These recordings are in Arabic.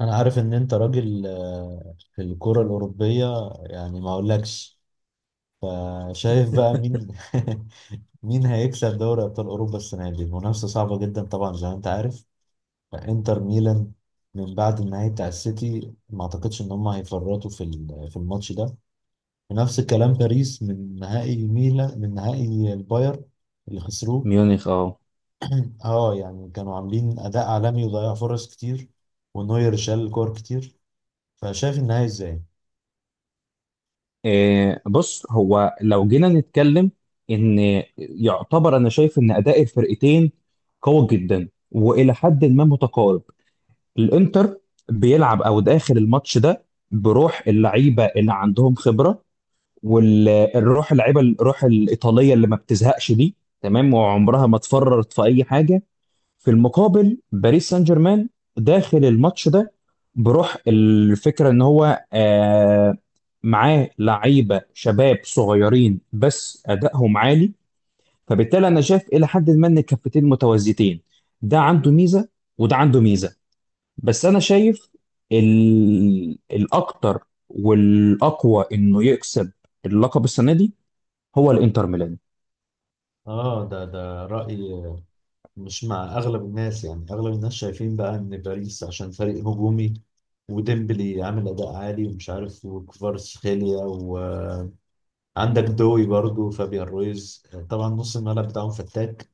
انا عارف ان انت راجل آه، في الكرة الأوروبية، يعني ما اقولكش. فشايف بقى مين مين هيكسب دوري ابطال اوروبا السنة دي؟ المنافسة صعبة جدا طبعا زي ما انت عارف. انتر ميلان من بعد النهائي بتاع السيتي ما اعتقدش ان هم هيفرطوا في الماتش ده. ونفس الكلام باريس من نهائي ميلان، من نهائي الباير اللي خسروه. ميونخ اه. اه يعني كانوا عاملين اداء عالمي وضيعوا فرص كتير، ونوير شال كور كتير. فشايف النهائي ازاي؟ بص، هو لو جينا نتكلم ان يعتبر، انا شايف ان اداء الفرقتين قوي جدا والى حد ما متقارب. الانتر بيلعب او داخل الماتش ده بروح اللعيبه اللي عندهم خبره، والروح اللعيبه، الروح الايطاليه اللي ما بتزهقش دي. تمام، وعمرها ما اتفررت في اي حاجه. في المقابل باريس سان جيرمان داخل الماتش ده بروح الفكره ان هو معاه لعيبه شباب صغيرين بس ادائهم عالي. فبالتالي انا شايف الى حد ما ان الكفتين متوازيتين، ده عنده ميزه وده عنده ميزه. بس انا شايف الاكتر والاقوى انه يكسب اللقب السنه دي هو الانتر ميلان. اه ده رأي مش مع اغلب الناس، يعني اغلب الناس شايفين بقى ان باريس عشان فريق هجومي، وديمبلي عامل اداء عالي ومش عارف، وكفاراتسخيليا، وعندك دوي برضو، فابيان رويز، طبعا نص الملعب بتاعهم فتاك،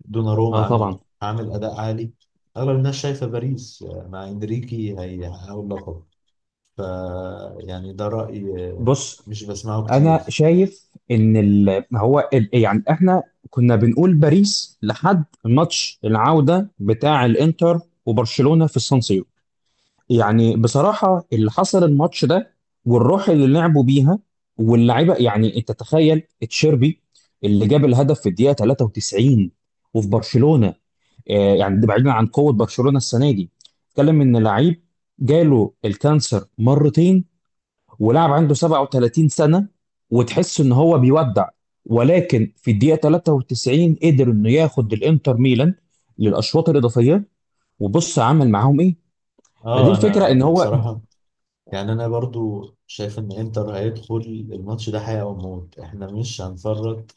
دوناروما اه عامل طبعا. عامل اداء عالي. اغلب الناس شايفه باريس مع انريكي هيحققوا اللقب. ف يعني ده رأي بص، مش بسمعه انا كتير. شايف ان هو يعني احنا كنا بنقول باريس لحد ماتش العودة بتاع الانتر وبرشلونة في السان سيرو. يعني بصراحة اللي حصل الماتش ده والروح اللي لعبوا بيها واللعيبة، يعني انت تخيل تشيربي اللي جاب الهدف في الدقيقة 93 وفي برشلونة، آه يعني ده بعيدا عن قوة برشلونة السنة دي، اتكلم ان لعيب جاله الكانسر مرتين ولاعب عنده 37 سنة وتحس ان هو بيودع، ولكن في الدقيقة 93 قدر انه ياخد الانتر ميلان للاشواط الاضافية. وبص عمل معاهم ايه، فدي اه الفكرة انا ان هو بصراحه يعني انا برضو شايف ان انتر هيدخل الماتش ده حياة وموت، احنا مش هنفرط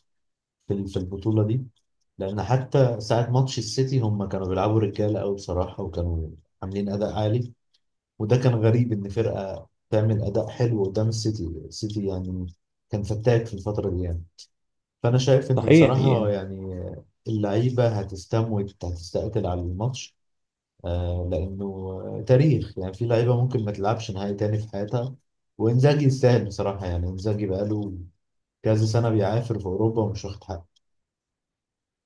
في البطولة دي، لان حتى ساعة ماتش السيتي هم كانوا بيلعبوا رجالة قوي بصراحة، وكانوا عاملين اداء عالي. وده كان غريب ان فرقة تعمل اداء حلو قدام السيتي، السيتي يعني كان فتاك في الفترة دي يعني. فانا شايف ان صحيح بصراحة يعني. يعني اللعيبة هتستموت، هتستقتل على الماتش. آه، لأنه تاريخ يعني، في لعيبة ممكن ما تلعبش نهائي تاني في حياتها. وإنزاجي يستاهل بصراحة، يعني إنزاجي بقاله كذا سنة بيعافر في أوروبا ومش واخد حقه.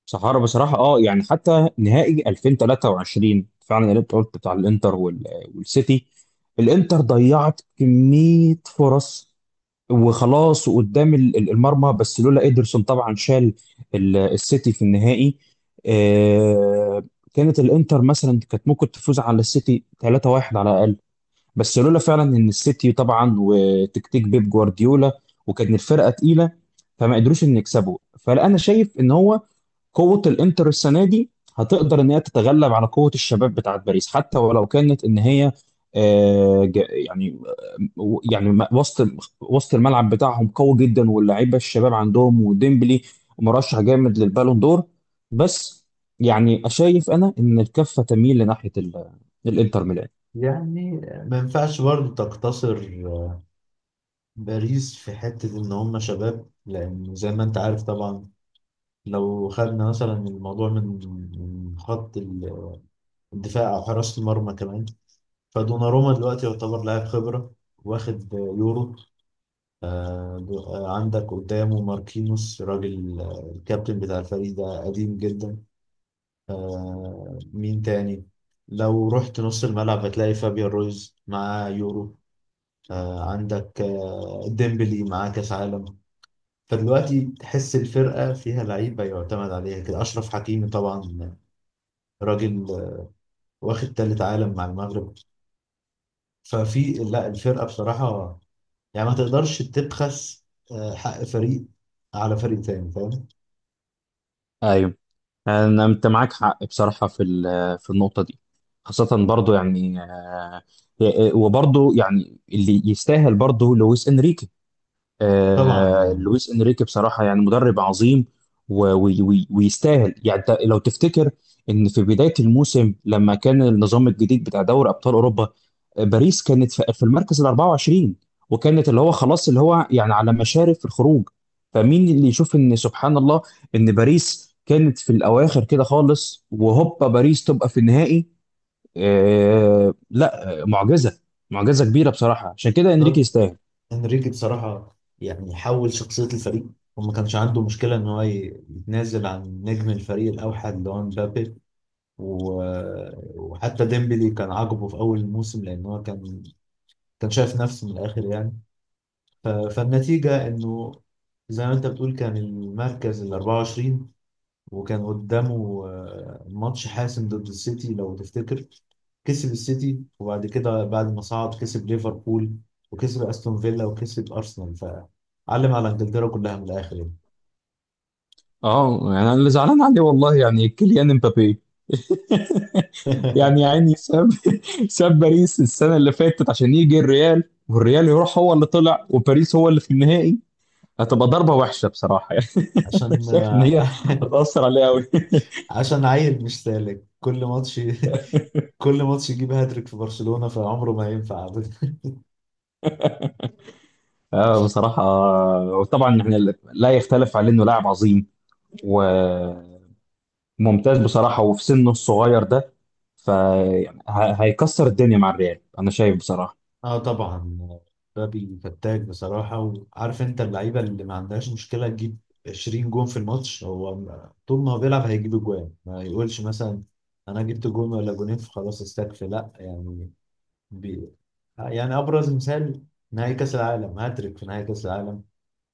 صحارى بصراحة، اه يعني حتى نهائي 2023 فعلا اللي انت قلت بتاع الانتر والسيتي، الانتر ضيعت كمية فرص وخلاص وقدام المرمى، بس لولا إيدرسون طبعا شال السيتي في النهائي. آه، كانت الانتر مثلا كانت ممكن تفوز على السيتي 3-1 على الأقل، بس لولا فعلا ان السيتي طبعا وتكتيك بيب جوارديولا وكانت الفرقة تقيلة فما قدروش ان يكسبوا. فانا شايف ان هو قوة الانتر السنة دي هتقدر ان هي تتغلب على قوة الشباب بتاعت باريس، حتى ولو كانت ان هي آه، ج- يعني آه، يعني م- وسط وسط الملعب بتاعهم قوي جدا واللعيبة الشباب عندهم وديمبلي مرشح جامد للبالون دور. بس يعني شايف انا ان الكفة تميل لناحية الانتر ميلان. يعني ما ينفعش برضه تقتصر باريس في حتة إن هم شباب، لأن زي ما أنت عارف طبعا، لو خدنا مثلا الموضوع من من خط ال- الدفاع أو حراسة المرمى كمان. فدوناروما دلوقتي يعتبر لاعب خبرة، واخد يورو، آه، عندك قدامه ماركينوس، راجل آه، الكابتن بتاع الفريق، ده قديم جدا. آه، مين تاني؟ لو رحت نص الملعب هتلاقي فابيان رويز معاه يورو، آه، عندك آه، ديمبلي معاه كاس عالم. فدلوقتي تحس الفرقة فيها لعيبة يعتمد عليها كده، أشرف حكيمي طبعا، راجل آه، واخد تالت عالم مع المغرب. ففي لا الفرقة بصراحة يعني ما تقدرش تبخس آه، حق فريق على فريق تاني، فاهم؟ ايوه، أنت معاك حق بصراحة في في النقطة دي. خاصة برضو يعني وبرضو يعني اللي يستاهل برضو لويس إنريكي. طبعا آه، يعني لويس انريكي بصراحه يعني مدرب عظيم ويستاهل. يعني انت لو تفتكر ان في بدايه الموسم لما كان النظام الجديد بتاع دوري ابطال اوروبا، باريس كانت في المركز ال 24 وكانت اللي هو خلاص اللي هو يعني على مشارف الخروج. فمين اللي يشوف ان سبحان الله ان باريس كانت في الاواخر كده خالص وهوبا باريس تبقى في النهائي. آه لا، معجزه. معجزه كبيره بصراحه، عشان كده انريكي بالظبط. يستاهل. انريكي بصراحة يعني حول شخصية الفريق، وما كانش عنده مشكلة إن هو يتنازل عن نجم الفريق الأوحد اللي هو مبابي. و- وحتى ديمبلي كان عاجبه في أول الموسم، لأن هو كان شايف نفسه من الآخر يعني. فالنتيجة إنه زي ما أنت بتقول، كان المركز ال 24، وكان قدامه آه، ماتش حاسم ضد السيتي لو تفتكر. كسب السيتي، وبعد كده بعد ما صعد كسب ليفربول، وكسب استون فيلا، وكسب ارسنال، فعلم على انجلترا كلها من الاخر يعني. اه يعني انا اللي زعلان عليه والله يعني كيليان امبابي يعني يا عيني ساب ساب باريس السنه اللي فاتت عشان يجي الريال، والريال يروح هو اللي طلع وباريس هو اللي في النهائي. هتبقى ضربه وحشه بصراحه يعني، أنا عشان شايف ان هي آه، هتاثر عليه قوي عشان عيل مش سالك كل ماتش، كل ماتش يجيب هاتريك في برشلونة، فعمره ما ينفع. آه بصراحه، وطبعا احنا لا يختلف عليه انه لاعب عظيم وممتاز بصراحه، وفي سنه الصغير ده فهيكسر الدنيا مع الريال انا شايف بصراحه. اه طبعا. مبابي فتاك بصراحة، وعارف انت اللعيبة اللي ما عندهاش مشكلة تجيب 20 جون في الماتش. هو طول ما هو بيلعب هيجيب جوان، ما يقولش مثلا انا جبت جون ولا جونين فخلاص استكفي، لا يعني. بي... يعني ابرز مثال نهائي كاس العالم، هاتريك في نهائي كاس العالم.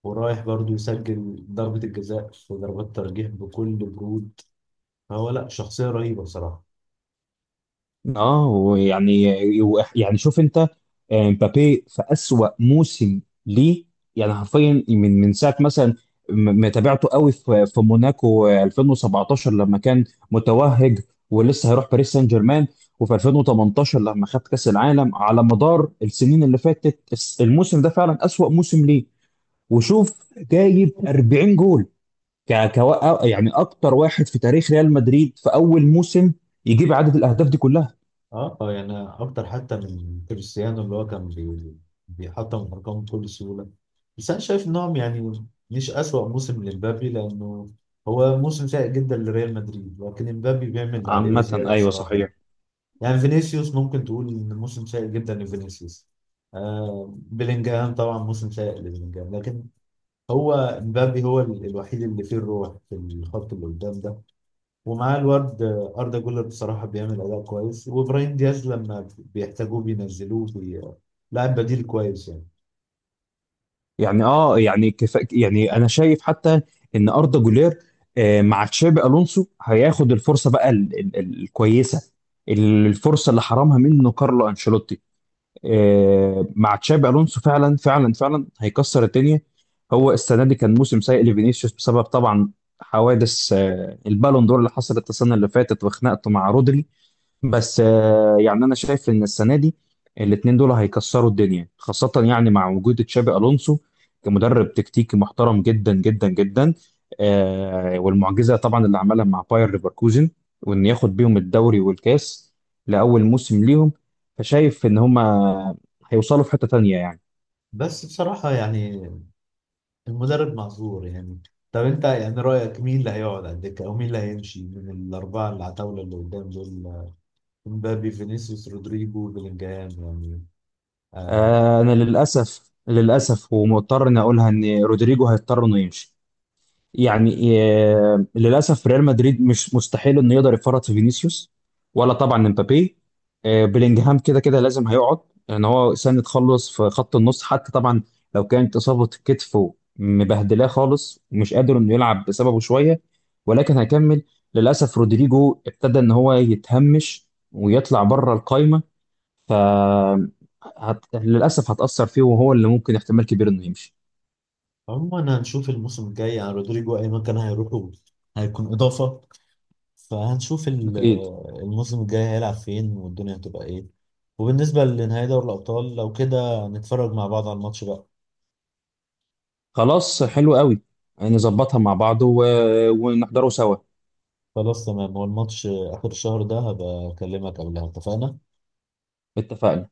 ورايح برضو يسجل ضربة الجزاء في ضربات ترجيح بكل برود. فهو لا، شخصية رهيبة بصراحة. اه ويعني، شوف انت، مبابي في اسوأ موسم ليه. يعني حرفيا من ساعه مثلا متابعته قوي في موناكو 2017 لما كان متوهج ولسه هيروح باريس سان جيرمان، وفي 2018 لما خد كاس العالم. على مدار السنين اللي فاتت الموسم ده فعلا اسوأ موسم ليه. وشوف جايب 40 جول، يعني اكتر واحد في تاريخ ريال مدريد في اول موسم يجيب عدد الاهداف دي كلها. اه يعني اكتر حتى من كريستيانو، اللي هو كان بيحطم الارقام بكل سهوله. بس انا شايف انهم يعني مش اسوأ موسم لمبابي، لانه هو موسم سيء جدا لريال مدريد، لكن مبابي بيعمل اللي عليه عامة وزياده ايوه بصراحه. صحيح. يعني فينيسيوس ممكن تقول ان موسم سيء جدا لفينيسيوس، آه بيلينجهام طبعا موسم سيء لبيلينجهام، لكن هو مبابي هو الوحيد اللي فيه الروح في الخط اللي قدام ده. ومعاه الواد أردا جولر بصراحة بيعمل أداء كويس، وإبراهيم دياز لما بيحتاجوه بينزلوه، لاعب بديل كويس يعني. يعني اه، يعني كفا، يعني انا شايف حتى ان اردا جولير مع تشابي الونسو هياخد الفرصه بقى الكويسه، الفرصه اللي حرمها منه كارلو انشيلوتي. مع تشابي الونسو فعلا فعلا فعلا هيكسر الدنيا. هو السنه دي كان موسم سيء لفينيسيوس بسبب طبعا حوادث البالون دور اللي حصلت السنه اللي فاتت وخناقته مع رودري. بس يعني انا شايف ان السنه دي الاثنين دول هيكسروا الدنيا، خاصه يعني مع وجود تشابي الونسو كمدرب تكتيكي محترم جدا جدا جدا. والمعجزه طبعا اللي عملها مع باير ليفركوزن، وان ياخد بيهم الدوري والكاس لاول موسم ليهم، فشايف ان هما هيوصلوا في حته تانيه يعني. بس بصراحة يعني المدرب معذور يعني. طب أنت يعني رأيك مين اللي هيقعد على الدكة، أو مين اللي هيمشي من الأربعة اللي على الطاولة اللي قدام دول؟ مبابي، فينيسيوس، رودريجو، بلينجهام. يعني آه. انا للاسف للاسف ومضطر اني اقولها ان رودريجو هيضطر انه يمشي، يعني للاسف ريال مدريد مش مستحيل انه يقدر يفرط في فينيسيوس ولا طبعا امبابي. بلينجهام كده كده لازم هيقعد لان هو سنة خلص في خط النص حتى طبعا، لو كانت اصابة كتفه مبهدلاه خالص ومش قادر انه يلعب بسببه شوية ولكن هيكمل. للاسف رودريجو ابتدى ان هو يتهمش ويطلع بره القايمة، ف للاسف هتأثر فيه، وهو اللي ممكن احتمال كبير انه يمشي. عموما هنشوف الموسم الجاي، يعني رودريجو أي مكان هيروحوا هيكون إضافة. فهنشوف اكيد. الموسم الجاي هيلعب فين والدنيا هتبقى ايه. وبالنسبة لنهائي دوري الأبطال، لو كده نتفرج مع بعض على الماتش بقى. خلاص حلو قوي، نظبطها مع بعض ونحضره سوا. خلاص تمام، هو الماتش آخر الشهر ده، هبقى أكلمك قبلها، اتفقنا؟ اتفقنا